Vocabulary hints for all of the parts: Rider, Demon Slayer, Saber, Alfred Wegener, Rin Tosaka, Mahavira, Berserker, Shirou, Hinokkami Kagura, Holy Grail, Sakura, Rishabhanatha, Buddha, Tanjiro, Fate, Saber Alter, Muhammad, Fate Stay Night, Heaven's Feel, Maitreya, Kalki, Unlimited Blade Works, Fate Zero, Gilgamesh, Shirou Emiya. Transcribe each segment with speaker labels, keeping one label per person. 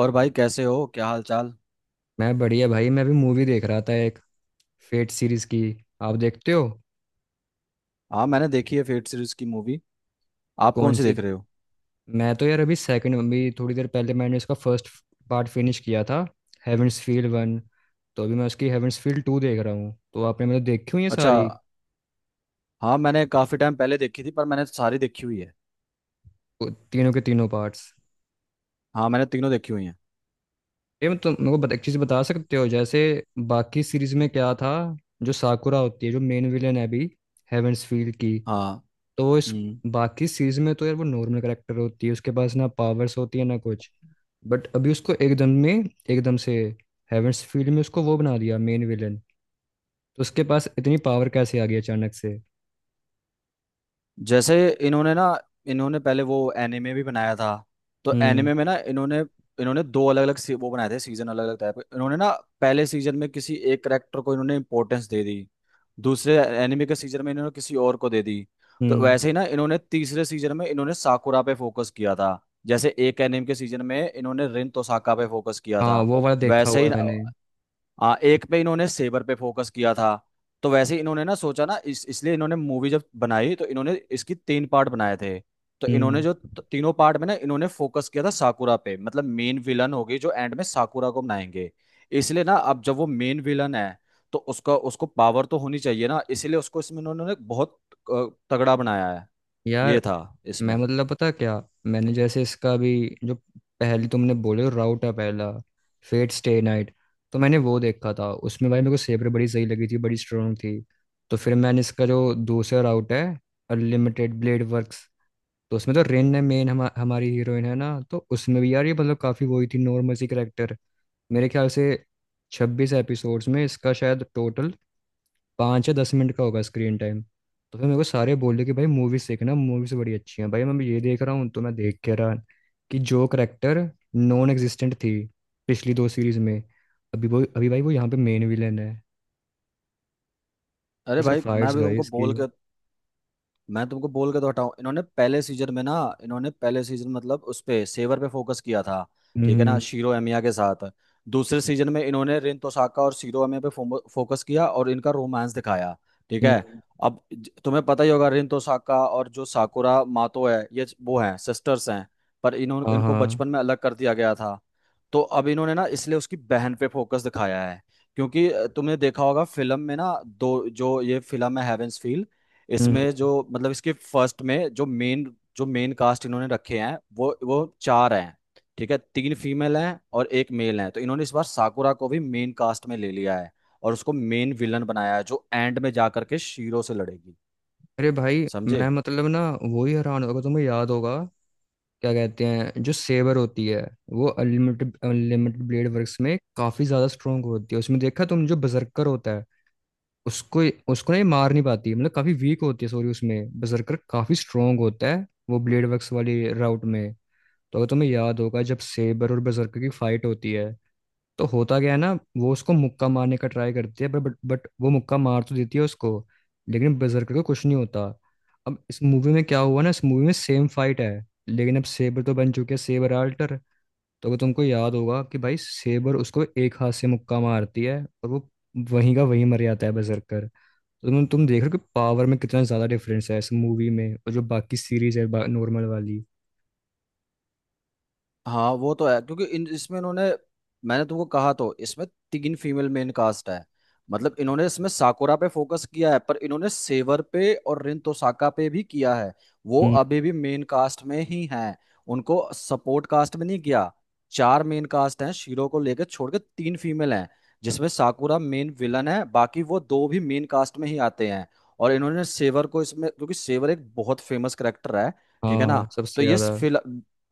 Speaker 1: और भाई कैसे हो, क्या हाल चाल।
Speaker 2: मैं बढ़िया भाई। मैं अभी मूवी देख रहा था, एक फेट सीरीज की। आप देखते हो?
Speaker 1: हाँ, मैंने देखी है फेट सीरीज की मूवी। आप कौन
Speaker 2: कौन
Speaker 1: सी
Speaker 2: सी?
Speaker 1: देख रहे हो?
Speaker 2: मैं तो यार अभी सेकंड, अभी थोड़ी देर पहले मैंने इसका फर्स्ट पार्ट फिनिश किया था, हेवेंस फील्ड वन। तो अभी मैं उसकी हेवेंस फील्ड टू देख रहा हूँ। तो आपने मतलब देखी हुई है
Speaker 1: अच्छा।
Speaker 2: सारी,
Speaker 1: हाँ, मैंने काफी टाइम पहले देखी थी, पर मैंने सारी देखी हुई है।
Speaker 2: वो तीनों के तीनों पार्ट्स?
Speaker 1: हाँ, मैंने तीनों देखी हुई हैं।
Speaker 2: ये मैं तुम मेरे को बता- एक चीज़ बता सकते हो? जैसे बाकी सीरीज में क्या था? जो साकुरा होती है, जो मेन विलेन है अभी हेवेंस फील्ड की।
Speaker 1: हाँ।
Speaker 2: तो इस
Speaker 1: हम्म।
Speaker 2: बाकी सीरीज में तो यार वो नॉर्मल करेक्टर होती है, उसके पास ना पावर्स होती है ना कुछ। बट अभी उसको एकदम से हेवेंस फील्ड में उसको वो बना दिया मेन विलन। तो उसके पास इतनी पावर कैसे आ गई अचानक से?
Speaker 1: जैसे इन्होंने ना इन्होंने पहले वो एनिमे भी बनाया था। तो
Speaker 2: हम्म।
Speaker 1: एनिमे में ना इन्होंने इन्होंने दो अलग अलग वो बनाए थे सीजन अलग अलग टाइप के इन्होंने ना। पहले सीजन में किसी एक करेक्टर को इन्होंने इंपॉर्टेंस दे दी। दूसरे एनिमे के सीजन में इन्होंने किसी और को दे दी। तो
Speaker 2: हम्म।
Speaker 1: वैसे ही ना इन्होंने तीसरे सीजन में इन्होंने साकुरा पे फोकस किया था। जैसे एक एनिमे के सीजन में इन्होंने रिन तोसाका पे फोकस किया
Speaker 2: हाँ,
Speaker 1: था।
Speaker 2: वो वाला देखा
Speaker 1: वैसे
Speaker 2: हुआ
Speaker 1: ही
Speaker 2: है मैंने।
Speaker 1: एक पे इन्होंने सेबर पे फोकस किया था। तो वैसे ही इन्होंने ना सोचा ना इस इसलिए इन्होंने मूवी जब बनाई तो इन्होंने इसकी तीन पार्ट बनाए थे। तो इन्होंने
Speaker 2: हम्म।
Speaker 1: जो तीनों पार्ट में ना इन्होंने फोकस किया था साकुरा पे, मतलब मेन विलन होगी, जो एंड में साकुरा को बनाएंगे। इसलिए ना अब जब वो मेन विलन है, तो उसका उसको पावर तो होनी चाहिए ना, इसलिए उसको इसमें इन्होंने बहुत तगड़ा बनाया है।
Speaker 2: यार
Speaker 1: ये था
Speaker 2: मैं
Speaker 1: इसमें।
Speaker 2: मतलब पता क्या, मैंने जैसे इसका भी जो पहले तुमने बोले राउट है, पहला फेट स्टे नाइट, तो मैंने वो देखा था। उसमें भाई मेरे को सेबर बड़ी सही लगी थी, बड़ी स्ट्रांग थी। तो फिर मैंने इसका जो दूसरा राउट है, अनलिमिटेड ब्लेड वर्क्स, तो उसमें तो रेन है मेन हमारी हीरोइन है ना। तो उसमें भी यार ये मतलब काफ़ी वही थी, नॉर्मल सी करेक्टर। मेरे ख्याल से 26 एपिसोड्स में इसका शायद टोटल 5 या 10 मिनट का होगा स्क्रीन टाइम। तो फिर मेरे को सारे बोले कि भाई मूवीज देखना, मूवीज बड़ी अच्छी हैं। भाई मैं ये देख रहा हूँ, तो मैं देख के रहा कि जो करेक्टर नॉन एग्जिस्टेंट थी पिछली दो सीरीज में, अभी भाई वो यहाँ पे मेन विलेन है।
Speaker 1: अरे
Speaker 2: और सिर्फ
Speaker 1: भाई, मैं
Speaker 2: फाइट्स
Speaker 1: भी
Speaker 2: भाई
Speaker 1: तुमको
Speaker 2: इसकी।
Speaker 1: बोल के, मैं तुमको बोल के तो हटाऊं। इन्होंने पहले सीजन में ना, इन्होंने पहले सीजन मतलब उस पे सेवर पे फोकस किया था, ठीक है ना,
Speaker 2: हम्म।
Speaker 1: शीरो एमिया के साथ। दूसरे सीजन में इन्होंने रिन तोसाका और शीरो एमिया पे फोकस किया और इनका रोमांस दिखाया, ठीक है।
Speaker 2: हम्म।
Speaker 1: अब तुम्हें पता ही होगा रिन तोसाका और जो साकुरा मातो है, ये वो हैं, सिस्टर्स हैं। पर इन्होंने
Speaker 2: हाँ।
Speaker 1: इनको
Speaker 2: हाँ।
Speaker 1: बचपन में अलग कर दिया गया था। तो अब इन्होंने ना इसलिए उसकी बहन पे फोकस दिखाया है। क्योंकि तुमने देखा होगा फिल्म में ना, दो जो ये फिल्म है हेवेंस
Speaker 2: हम्म।
Speaker 1: इसमें जो मतलब इसके फर्स्ट में जो मेन कास्ट इन्होंने रखे हैं, वो चार हैं। ठीक है, तीन फीमेल हैं और एक मेल है। तो इन्होंने इस बार साकुरा को भी मेन कास्ट में ले लिया है और उसको मेन विलन बनाया है, जो एंड में जा करके शीरो से लड़ेगी।
Speaker 2: अरे भाई, मैं
Speaker 1: समझे?
Speaker 2: मतलब ना, वो ही हैरान होगा। तुम्हें याद होगा क्या कहते हैं, जो सेवर होती है, वो अनलिमिटेड अनलिमिटेड ब्लेड वर्क्स में काफी ज्यादा स्ट्रोंग होती है। उसमें देखा तुम, जो बजर्कर होता उसको, ना ये मार नहीं पाती, मतलब काफी वीक होती है। सॉरी, उसमें बजरकर काफी स्ट्रोंग होता है वो ब्लेड वर्क्स वाली राउट में। तो अगर तुम्हें याद होगा, जब सेबर और बजरकर की फाइट होती है, तो होता क्या है ना, वो उसको मुक्का मारने का ट्राई करती है, बट वो मुक्का मार तो देती है उसको, लेकिन बजरकर को कुछ नहीं होता। अब इस मूवी में क्या हुआ ना, इस मूवी में सेम फाइट है, लेकिन अब सेबर तो बन चुके हैं सेबर आल्टर। तो अगर तुमको याद होगा, कि भाई सेबर उसको एक हाथ से मुक्का मारती है, और वो वहीं का वहीं मर जाता है बजरकर। तुम देख रहे हो कि पावर में कितना ज्यादा डिफरेंस है इस मूवी में और जो बाकी सीरीज है नॉर्मल वाली।
Speaker 1: हाँ, वो तो है, क्योंकि इन इसमें इन्होंने, मैंने तुमको कहा तो इसमें तीन फीमेल मेन कास्ट है। मतलब इन्होंने इसमें साकुरा पे फोकस किया है, पर इन्होंने सेवर पे और रिन तोसाका पे भी किया है। वो
Speaker 2: हम्म।
Speaker 1: अभी भी मेन कास्ट में ही हैं। उनको सपोर्ट कास्ट में नहीं किया। चार मेन कास्ट हैं, शीरो को लेकर छोड़ के तीन फीमेल हैं, जिसमें साकुरा मेन विलन है, बाकी वो दो भी मेन कास्ट में ही आते हैं। और इन्होंने सेवर को इसमें, क्योंकि सेवर एक बहुत फेमस करेक्टर है, ठीक है ना।
Speaker 2: हाँ,
Speaker 1: तो
Speaker 2: सबसे
Speaker 1: ये,
Speaker 2: ज्यादा।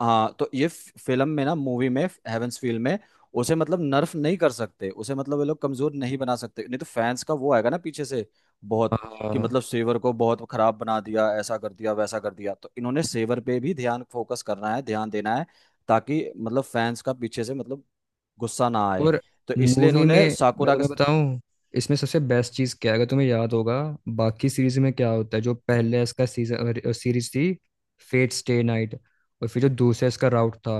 Speaker 1: हाँ तो ये फिल्म में ना, मूवी में, हेवंसफील्ड में, उसे मतलब नर्फ नहीं कर सकते, उसे मतलब ये लोग कमजोर नहीं बना सकते, नहीं तो फैंस का वो आएगा ना पीछे से बहुत, कि
Speaker 2: हाँ।
Speaker 1: मतलब सेवर को बहुत खराब बना दिया, ऐसा कर दिया, वैसा कर दिया। तो इन्होंने सेवर पे भी ध्यान फोकस करना है, ध्यान देना है, ताकि मतलब फैंस का पीछे से मतलब गुस्सा ना आए।
Speaker 2: और
Speaker 1: तो इसलिए
Speaker 2: मूवी
Speaker 1: इन्होंने
Speaker 2: में मैं
Speaker 1: साकुरा का,
Speaker 2: तुम्हें बताऊं, इसमें सबसे बेस्ट चीज क्या है? अगर तुम्हें याद होगा बाकी सीरीज में क्या होता है, जो पहले इसका सीजन सीरीज थी फेट स्टे नाइट, और फिर जो दूसरा इसका राउट था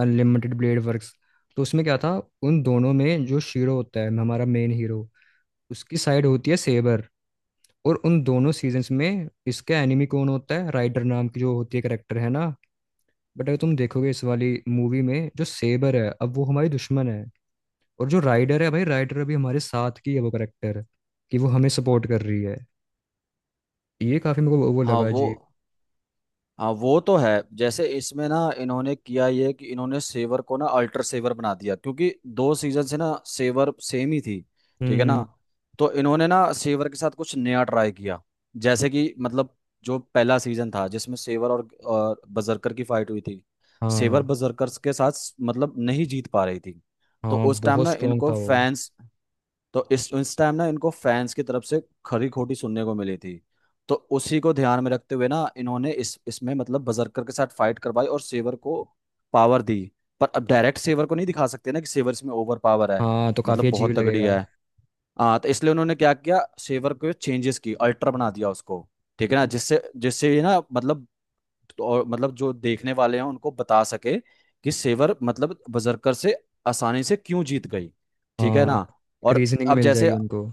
Speaker 2: अनलिमिटेड ब्लेड वर्क्स, तो उसमें क्या था? उन दोनों में जो शीरो होता है हमारा मेन हीरो, उसकी साइड होती है सेबर, और उन दोनों सीजन्स में इसका एनिमी कौन होता है? राइडर नाम की जो होती है करेक्टर है ना। बट अगर तुम देखोगे इस वाली मूवी में, जो सेबर है अब वो हमारी दुश्मन है, और जो राइडर है, भाई राइडर अभी हमारे साथ की है वो करेक्टर, कि वो हमें सपोर्ट कर रही है। ये काफी मेरे को वो
Speaker 1: हाँ
Speaker 2: लगा
Speaker 1: वो,
Speaker 2: जी।
Speaker 1: हाँ वो तो है। जैसे इसमें ना इन्होंने किया ये कि इन्होंने सेवर को ना अल्टर सेवर बना दिया, क्योंकि दो सीजन से ना सेवर सेम ही थी, ठीक
Speaker 2: हम्म।
Speaker 1: है ना।
Speaker 2: हम्म।
Speaker 1: तो इन्होंने ना सेवर के साथ कुछ नया ट्राई किया। जैसे कि मतलब जो पहला सीजन था जिसमें सेवर और बजरकर की फाइट हुई थी, सेवर
Speaker 2: हाँ।
Speaker 1: बजरकर के साथ मतलब नहीं जीत पा रही थी। तो
Speaker 2: हाँ,
Speaker 1: उस टाइम
Speaker 2: बहुत
Speaker 1: ना
Speaker 2: स्ट्रांग था
Speaker 1: इनको
Speaker 2: वो।
Speaker 1: फैंस, तो इस टाइम ना इनको फैंस की तरफ से खरी खोटी सुनने को मिली थी। तो उसी को ध्यान में रखते हुए ना इन्होंने इस इसमें मतलब बजरकर के साथ फाइट करवाई और सेवर को पावर दी। पर अब डायरेक्ट सेवर को नहीं दिखा सकते ना कि सेवर इसमें ओवर पावर है,
Speaker 2: हाँ, तो काफी
Speaker 1: मतलब
Speaker 2: अजीब
Speaker 1: बहुत तगड़ी
Speaker 2: लगेगा।
Speaker 1: है। हाँ, तो इसलिए उन्होंने क्या किया, सेवर को चेंजेस की अल्ट्रा बना दिया उसको, ठीक है ना, जिससे जिससे ये ना मतलब, तो और मतलब जो देखने वाले हैं उनको बता सके कि सेवर मतलब बजरकर से आसानी से क्यों जीत गई, ठीक है
Speaker 2: हाँ,
Speaker 1: ना।
Speaker 2: एक
Speaker 1: और
Speaker 2: रीजनिंग
Speaker 1: अब
Speaker 2: मिल
Speaker 1: जैसे,
Speaker 2: जाएगी उनको।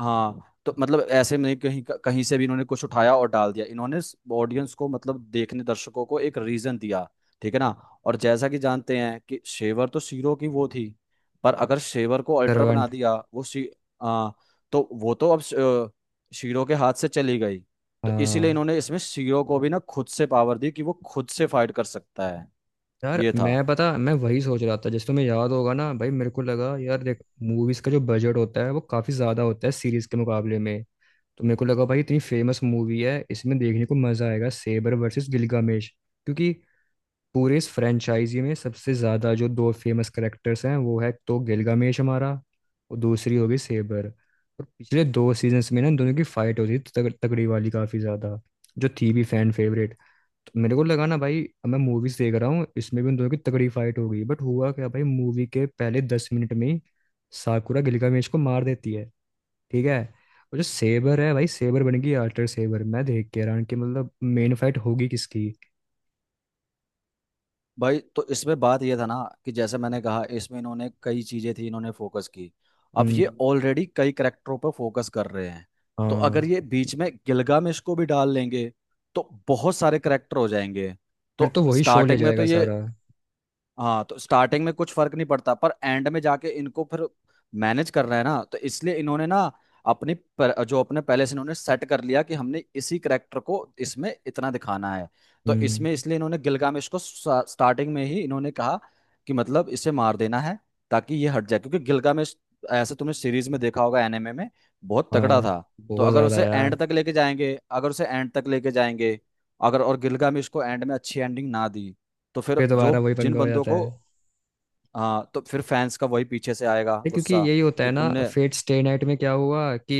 Speaker 1: हाँ तो मतलब ऐसे में नहीं कहीं कहीं से भी इन्होंने कुछ उठाया और डाल दिया। इन्होंने ऑडियंस को मतलब देखने दर्शकों को एक रीजन दिया, ठीक है ना। और जैसा कि जानते हैं कि शेवर तो शीरो की वो थी, पर अगर शेवर को अल्टर बना
Speaker 2: सर्वेंट।
Speaker 1: दिया वो शी आ, तो वो तो अब शीरो के हाथ से चली गई। तो इसीलिए
Speaker 2: हाँ
Speaker 1: इन्होंने इसमें शीरो को भी ना खुद से पावर दी कि वो खुद से फाइट कर सकता है।
Speaker 2: यार,
Speaker 1: ये था।
Speaker 2: मैं पता मैं वही सोच रहा था। जैसे तुम्हें याद होगा ना भाई, मेरे को लगा यार, देख मूवीज का जो बजट होता है वो काफी ज्यादा होता है सीरीज के मुकाबले में। तो मेरे को लगा भाई इतनी फेमस मूवी है, इसमें देखने को मजा आएगा सेबर वर्सेस गिलगामेश, क्योंकि पूरे इस फ्रेंचाइजी में सबसे ज्यादा जो दो फेमस करेक्टर्स हैं वो है तो गिलगामेश हमारा, और दूसरी होगी सेबर। और पिछले दो सीजन्स में ना इन दोनों की फाइट होती थी तगड़ी वाली काफी ज्यादा, जो थी भी फैन फेवरेट। मेरे को लगा ना भाई मैं मूवीज देख रहा हूँ, इसमें भी उन दोनों की तगड़ी फाइट हो गई, बट हुआ क्या भाई, मूवी के पहले 10 मिनट में ही साकुरा गिलगामेश को मार देती है। ठीक है। और जो सेबर है भाई, सेबर बन गई आर्टर सेबर। मैं देख के हैरान कि मतलब मेन फाइट होगी किसकी?
Speaker 1: भाई, तो इसमें बात यह था ना, कि जैसे मैंने कहा इसमें इन्होंने कई चीजें थी इन्होंने फोकस की। अब
Speaker 2: हम्म।
Speaker 1: ये ऑलरेडी कई करेक्टरों पर फोकस कर रहे हैं। तो अगर
Speaker 2: हाँ,
Speaker 1: ये बीच में गिलगामेश को भी डाल लेंगे तो बहुत सारे करेक्टर हो जाएंगे।
Speaker 2: फिर
Speaker 1: तो
Speaker 2: तो वही शो ले
Speaker 1: स्टार्टिंग में तो
Speaker 2: जाएगा
Speaker 1: ये,
Speaker 2: सारा।
Speaker 1: हाँ तो स्टार्टिंग में कुछ फर्क नहीं पड़ता, पर एंड में जाके इनको फिर मैनेज करना है ना। तो इसलिए इन्होंने ना अपनी जो अपने पहले से इन्होंने सेट कर लिया कि हमने इसी करेक्टर को इसमें इतना दिखाना है। तो
Speaker 2: हम्म।
Speaker 1: इसमें इसलिए इन्होंने गिलगामेश को स्टार्टिंग में ही इन्होंने कहा कि मतलब इसे मार देना है, ताकि ये हट जाए। क्योंकि गिलगामेश, ऐसे तुमने सीरीज में देखा होगा, एनिमे में बहुत तगड़ा था।
Speaker 2: हाँ,
Speaker 1: तो
Speaker 2: बहुत
Speaker 1: अगर
Speaker 2: ज्यादा
Speaker 1: उसे
Speaker 2: यार।
Speaker 1: एंड तक लेके जाएंगे, अगर उसे एंड तक लेके जाएंगे, अगर और गिलगामेश को एंड में अच्छी एंडिंग ना दी, तो फिर
Speaker 2: फिर
Speaker 1: जो
Speaker 2: दोबारा वही
Speaker 1: जिन
Speaker 2: पंगा हो
Speaker 1: बंदों
Speaker 2: जाता
Speaker 1: को,
Speaker 2: है।
Speaker 1: हाँ तो फिर फैंस का वही पीछे से आएगा
Speaker 2: ये क्योंकि
Speaker 1: गुस्सा
Speaker 2: यही होता है
Speaker 1: कि
Speaker 2: ना,
Speaker 1: तुमने।
Speaker 2: फेट स्टे नाइट में क्या हुआ कि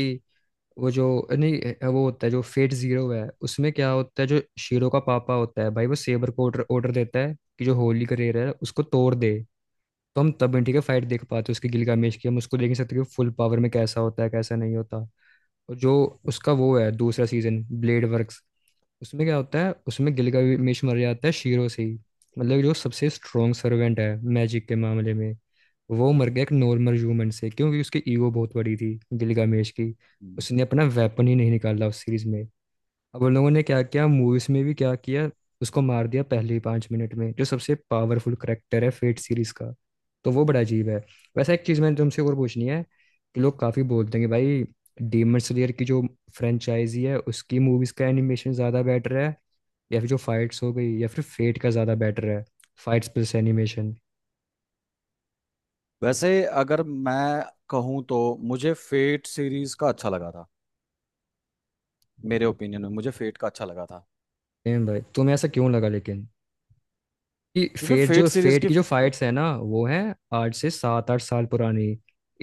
Speaker 2: वो जो नहीं, वो होता है जो फेट जीरो है, उसमें क्या होता है, जो शीरो का पापा होता है भाई, वो सेबर को ऑर्डर ऑर्डर देता है कि जो होली का रेयर है उसको तोड़ दे। तो हम तब इंडी का फाइट देख पाते हैं उसकी गिलगामेश की। हम उसको देख नहीं सकते कि फुल पावर में कैसा होता है कैसा नहीं होता। और जो उसका वो है दूसरा सीजन ब्लेड वर्क्स, उसमें क्या होता है, उसमें गिलगामेश मर जाता है शीरो से ही। मतलब जो सबसे स्ट्रॉन्ग सर्वेंट है मैजिक के मामले में, वो मर गया एक नॉर्मल ह्यूमन से, क्योंकि उसकी ईगो बहुत बड़ी थी गिलगामेश की। उसने अपना वेपन ही नहीं निकाला उस सीरीज में। अब उन लोगों ने क्या किया मूवीज में भी क्या किया, उसको मार दिया पहले ही 5 मिनट में, जो सबसे पावरफुल करेक्टर है फेट सीरीज का। तो वो बड़ा अजीब है। वैसे एक चीज़ मैंने तुमसे और पूछनी है, कि लोग काफ़ी बोलते हैं कि भाई डीमन स्लेयर की जो फ्रेंचाइजी है, उसकी मूवीज़ का एनिमेशन ज़्यादा बेटर है, या फिर जो फाइट्स हो गई, या फिर फेट का ज़्यादा बेटर है, फाइट्स प्लस एनिमेशन?
Speaker 1: वैसे अगर मैं कहूँ तो मुझे फेट सीरीज का अच्छा लगा था। मेरे ओपिनियन में मुझे फेट का अच्छा लगा था।
Speaker 2: भाई तुम्हें ऐसा क्यों लगा लेकिन, कि
Speaker 1: क्योंकि
Speaker 2: फेट, जो
Speaker 1: फेट सीरीज
Speaker 2: फेट
Speaker 1: की,
Speaker 2: की जो फाइट्स है ना वो है आज से 7-8 साल पुरानी,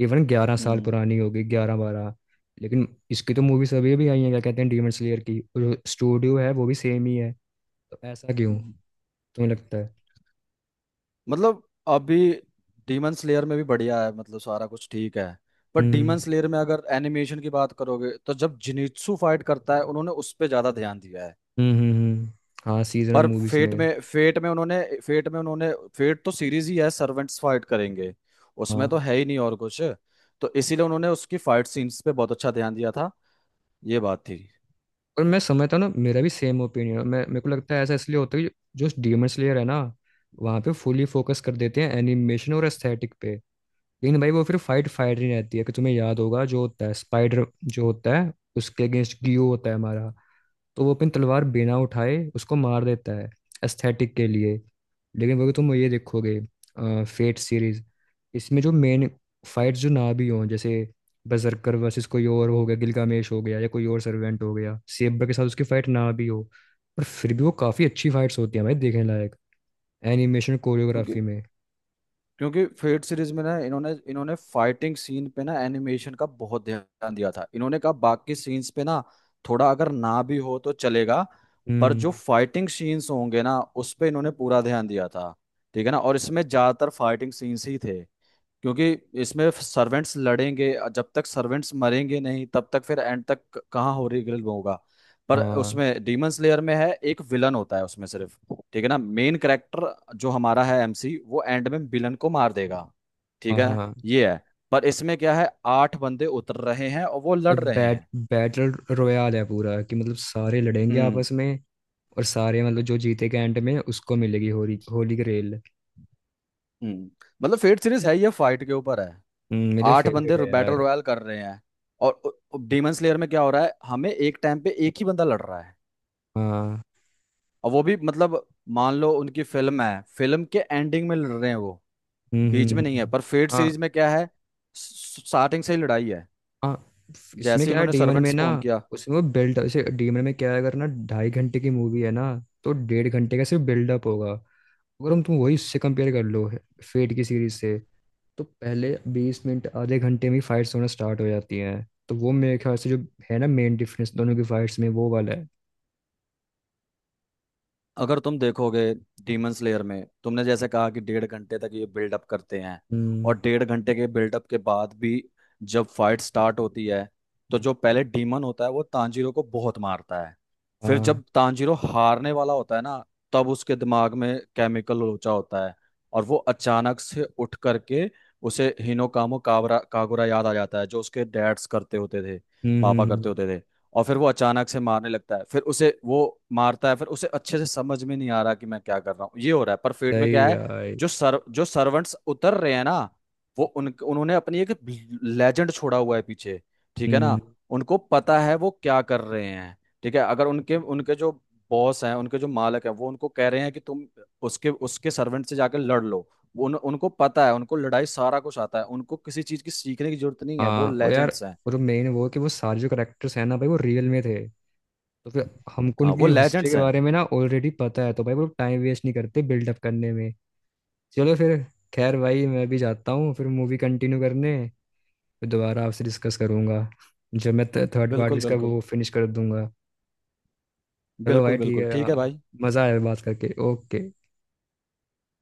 Speaker 2: इवन 11 साल
Speaker 1: हम्म,
Speaker 2: पुरानी होगी, 11-12। लेकिन इसकी तो मूवीज अभी अभी आई हैं, क्या कहते हैं, डीमन स्लेयर की, और जो स्टूडियो है वो भी सेम ही है। तो ऐसा क्यों
Speaker 1: हम्म।
Speaker 2: तुम्हें लगता है?
Speaker 1: मतलब अभी डीमन स्लेयर में भी बढ़िया है, मतलब सारा कुछ ठीक है। पर
Speaker 2: हम्म।
Speaker 1: डीमन स्लेयर में अगर एनिमेशन की बात करोगे तो जब जिनित्सु फाइट करता है उन्होंने उस पर ज्यादा ध्यान दिया है।
Speaker 2: हम्म। हम्म। हम्म। हाँ, सीजनल
Speaker 1: पर
Speaker 2: मूवीज
Speaker 1: फेट
Speaker 2: में।
Speaker 1: में फेट में उन्होंने फेट में उन्होंने, फेट तो सीरीज ही है, सर्वेंट्स फाइट करेंगे, उसमें तो
Speaker 2: हाँ।
Speaker 1: है ही नहीं और कुछ। तो इसीलिए उन्होंने उसकी फाइट सीन्स पे बहुत अच्छा ध्यान दिया था। ये बात थी।
Speaker 2: और मैं समझता हूँ ना, मेरा भी सेम ओपिनियन है। मैं, मेरे को लगता है ऐसा इसलिए होता है कि जो डीमन स्लेयर है ना, वहाँ पे फुली फोकस कर देते हैं एनिमेशन और एस्थेटिक पे, लेकिन भाई वो फिर फाइट फाइट नहीं रहती है। कि तुम्हें याद होगा जो होता है, स्पाइडर जो होता है, उसके अगेंस्ट गियो होता है हमारा, तो वो अपनी तलवार बिना उठाए उसको मार देता है एस्थेटिक के लिए। लेकिन वो तुम ये देखोगे फेट सीरीज, इसमें जो मेन फाइट्स जो ना भी हों, जैसे बजरकर वर्सेस कोई और हो गया, गिलगामेश हो गया या कोई और सर्वेंट हो गया, सेब्रा के साथ उसकी फाइट ना भी हो, पर फिर भी वो काफी अच्छी फाइट्स होती हैं भाई, देखने लायक, एनिमेशन
Speaker 1: क्योंकि
Speaker 2: कोरियोग्राफी में।
Speaker 1: क्योंकि फेट सीरीज में ना इन्होंने इन्होंने फाइटिंग सीन पे ना एनिमेशन का बहुत ध्यान दिया था। इन्होंने कहा बाकी सीन्स पे ना थोड़ा अगर ना भी हो तो चलेगा, पर जो
Speaker 2: हम्म।
Speaker 1: फाइटिंग सीन्स होंगे ना, उस पे इन्होंने पूरा ध्यान दिया था, ठीक है ना। और इसमें ज्यादातर फाइटिंग सीन्स ही थे, क्योंकि इसमें सर्वेंट्स लड़ेंगे, जब तक सर्वेंट्स मरेंगे नहीं, तब तक फिर एंड तक कहाँ होलीग्रेल होगा। पर
Speaker 2: हाँ।
Speaker 1: उसमें डीमन स्लेयर में है, एक विलन होता है उसमें सिर्फ, ठीक है ना, मेन कैरेक्टर जो हमारा है एमसी, वो एंड में विलन को मार देगा, ठीक
Speaker 2: हाँ।
Speaker 1: है।
Speaker 2: हाँ।
Speaker 1: ये है। पर इसमें क्या है, आठ बंदे उतर रहे हैं और वो लड़ रहे
Speaker 2: बैट
Speaker 1: हैं।
Speaker 2: बैटल रोyale है पूरा, कि मतलब सारे लड़ेंगे
Speaker 1: हम्म।
Speaker 2: आपस में, और सारे मतलब जो जीतेगा एंड में उसको मिलेगी होली होली ग्रेल।
Speaker 1: हम्म। मतलब फेट सीरीज है ये, फाइट के ऊपर है।
Speaker 2: मेरे
Speaker 1: आठ
Speaker 2: फेवरेट
Speaker 1: बंदे
Speaker 2: है
Speaker 1: बैटल
Speaker 2: यार।
Speaker 1: रॉयल कर रहे हैं। और डीमन स्लेयर में क्या हो रहा है, हमें एक टाइम पे एक ही बंदा लड़ रहा है।
Speaker 2: हाँ।
Speaker 1: और वो भी मतलब मान लो उनकी फिल्म है, फिल्म के एंडिंग में लड़ रहे हैं वो,
Speaker 2: हम्म। हम्म।
Speaker 1: बीच
Speaker 2: हम्म।
Speaker 1: में नहीं है।
Speaker 2: हम्म।
Speaker 1: पर फेट
Speaker 2: हाँ।
Speaker 1: सीरीज में क्या है, स्टार्टिंग से ही लड़ाई है,
Speaker 2: हाँ। इसमें
Speaker 1: जैसे ही
Speaker 2: क्या है
Speaker 1: उन्होंने
Speaker 2: डीमन
Speaker 1: सर्वेंट
Speaker 2: में ना,
Speaker 1: स्पॉन किया।
Speaker 2: उसमें वो बिल्ड जैसे डीमन में क्या है, अगर ना 2.5 घंटे की मूवी है ना, तो 1.5 घंटे का सिर्फ बिल्डअप होगा, अगर हम तुम वही उससे कंपेयर कर लो फेट की सीरीज से। तो पहले 20 मिनट आधे घंटे में फाइट्स होना स्टार्ट हो जाती हैं। तो वो मेरे ख्याल से जो है ना मेन डिफरेंस दोनों की फाइट्स में वो वाला है।
Speaker 1: अगर तुम देखोगे डीमन स्लेयर में, तुमने जैसे कहा कि डेढ़ घंटे तक ये बिल्डअप करते हैं,
Speaker 2: हम्म।
Speaker 1: और डेढ़ घंटे के बिल्डअप के बाद भी जब फाइट स्टार्ट होती है, तो जो पहले डीमन होता है वो तांजीरो को बहुत मारता है। फिर
Speaker 2: हाँ।
Speaker 1: जब तांजीरो हारने वाला होता है ना, तब उसके दिमाग में केमिकल लोचा होता है और वो अचानक से उठ करके उसे हिनोकामो काबरा कागुरा याद आ जाता है, जो उसके डैड्स करते होते थे,
Speaker 2: हम्म।
Speaker 1: पापा
Speaker 2: हम्म।
Speaker 1: करते
Speaker 2: हम्म।
Speaker 1: होते थे। और फिर वो अचानक से मारने लगता है, फिर उसे वो मारता है, फिर उसे अच्छे से समझ में नहीं आ रहा कि मैं क्या कर रहा हूँ, ये हो रहा है। पर फेट में क्या
Speaker 2: सही
Speaker 1: है,
Speaker 2: यार।
Speaker 1: जो सर्वेंट्स उतर रहे हैं ना, वो उन उन्होंने अपनी एक लेजेंड छोड़ा हुआ है पीछे, ठीक है ना।
Speaker 2: हम्म।
Speaker 1: उनको पता है वो क्या कर रहे हैं, ठीक है। अगर उनके उनके जो बॉस हैं, उनके जो मालक हैं, वो उनको कह रहे हैं कि तुम उसके उसके सर्वेंट से जाकर लड़ लो, वो उनको पता है, उनको लड़ाई सारा कुछ आता है, उनको किसी चीज की सीखने की जरूरत नहीं है, वो
Speaker 2: हाँ। और यार,
Speaker 1: लेजेंड्स हैं।
Speaker 2: और मेन वो, कि वो सारे जो करेक्टर्स हैं ना भाई वो रियल में थे, तो फिर हमको
Speaker 1: हाँ, वो
Speaker 2: उनकी हिस्ट्री
Speaker 1: लेजेंड्स
Speaker 2: के
Speaker 1: हैं।
Speaker 2: बारे में ना ऑलरेडी पता है, तो भाई वो टाइम वेस्ट नहीं करते बिल्डअप करने में। चलो फिर, खैर भाई मैं भी जाता हूँ फिर मूवी कंटिन्यू करने। फिर दोबारा आपसे डिस्कस करूंगा, जब मैं थर्ड पार्ट भी
Speaker 1: बिल्कुल
Speaker 2: इसका
Speaker 1: बिल्कुल।
Speaker 2: वो फिनिश कर दूंगा। चलो
Speaker 1: बिल्कुल
Speaker 2: भाई ठीक
Speaker 1: बिल्कुल
Speaker 2: है।
Speaker 1: ठीक है भाई।
Speaker 2: मजा आया बात करके। ओके।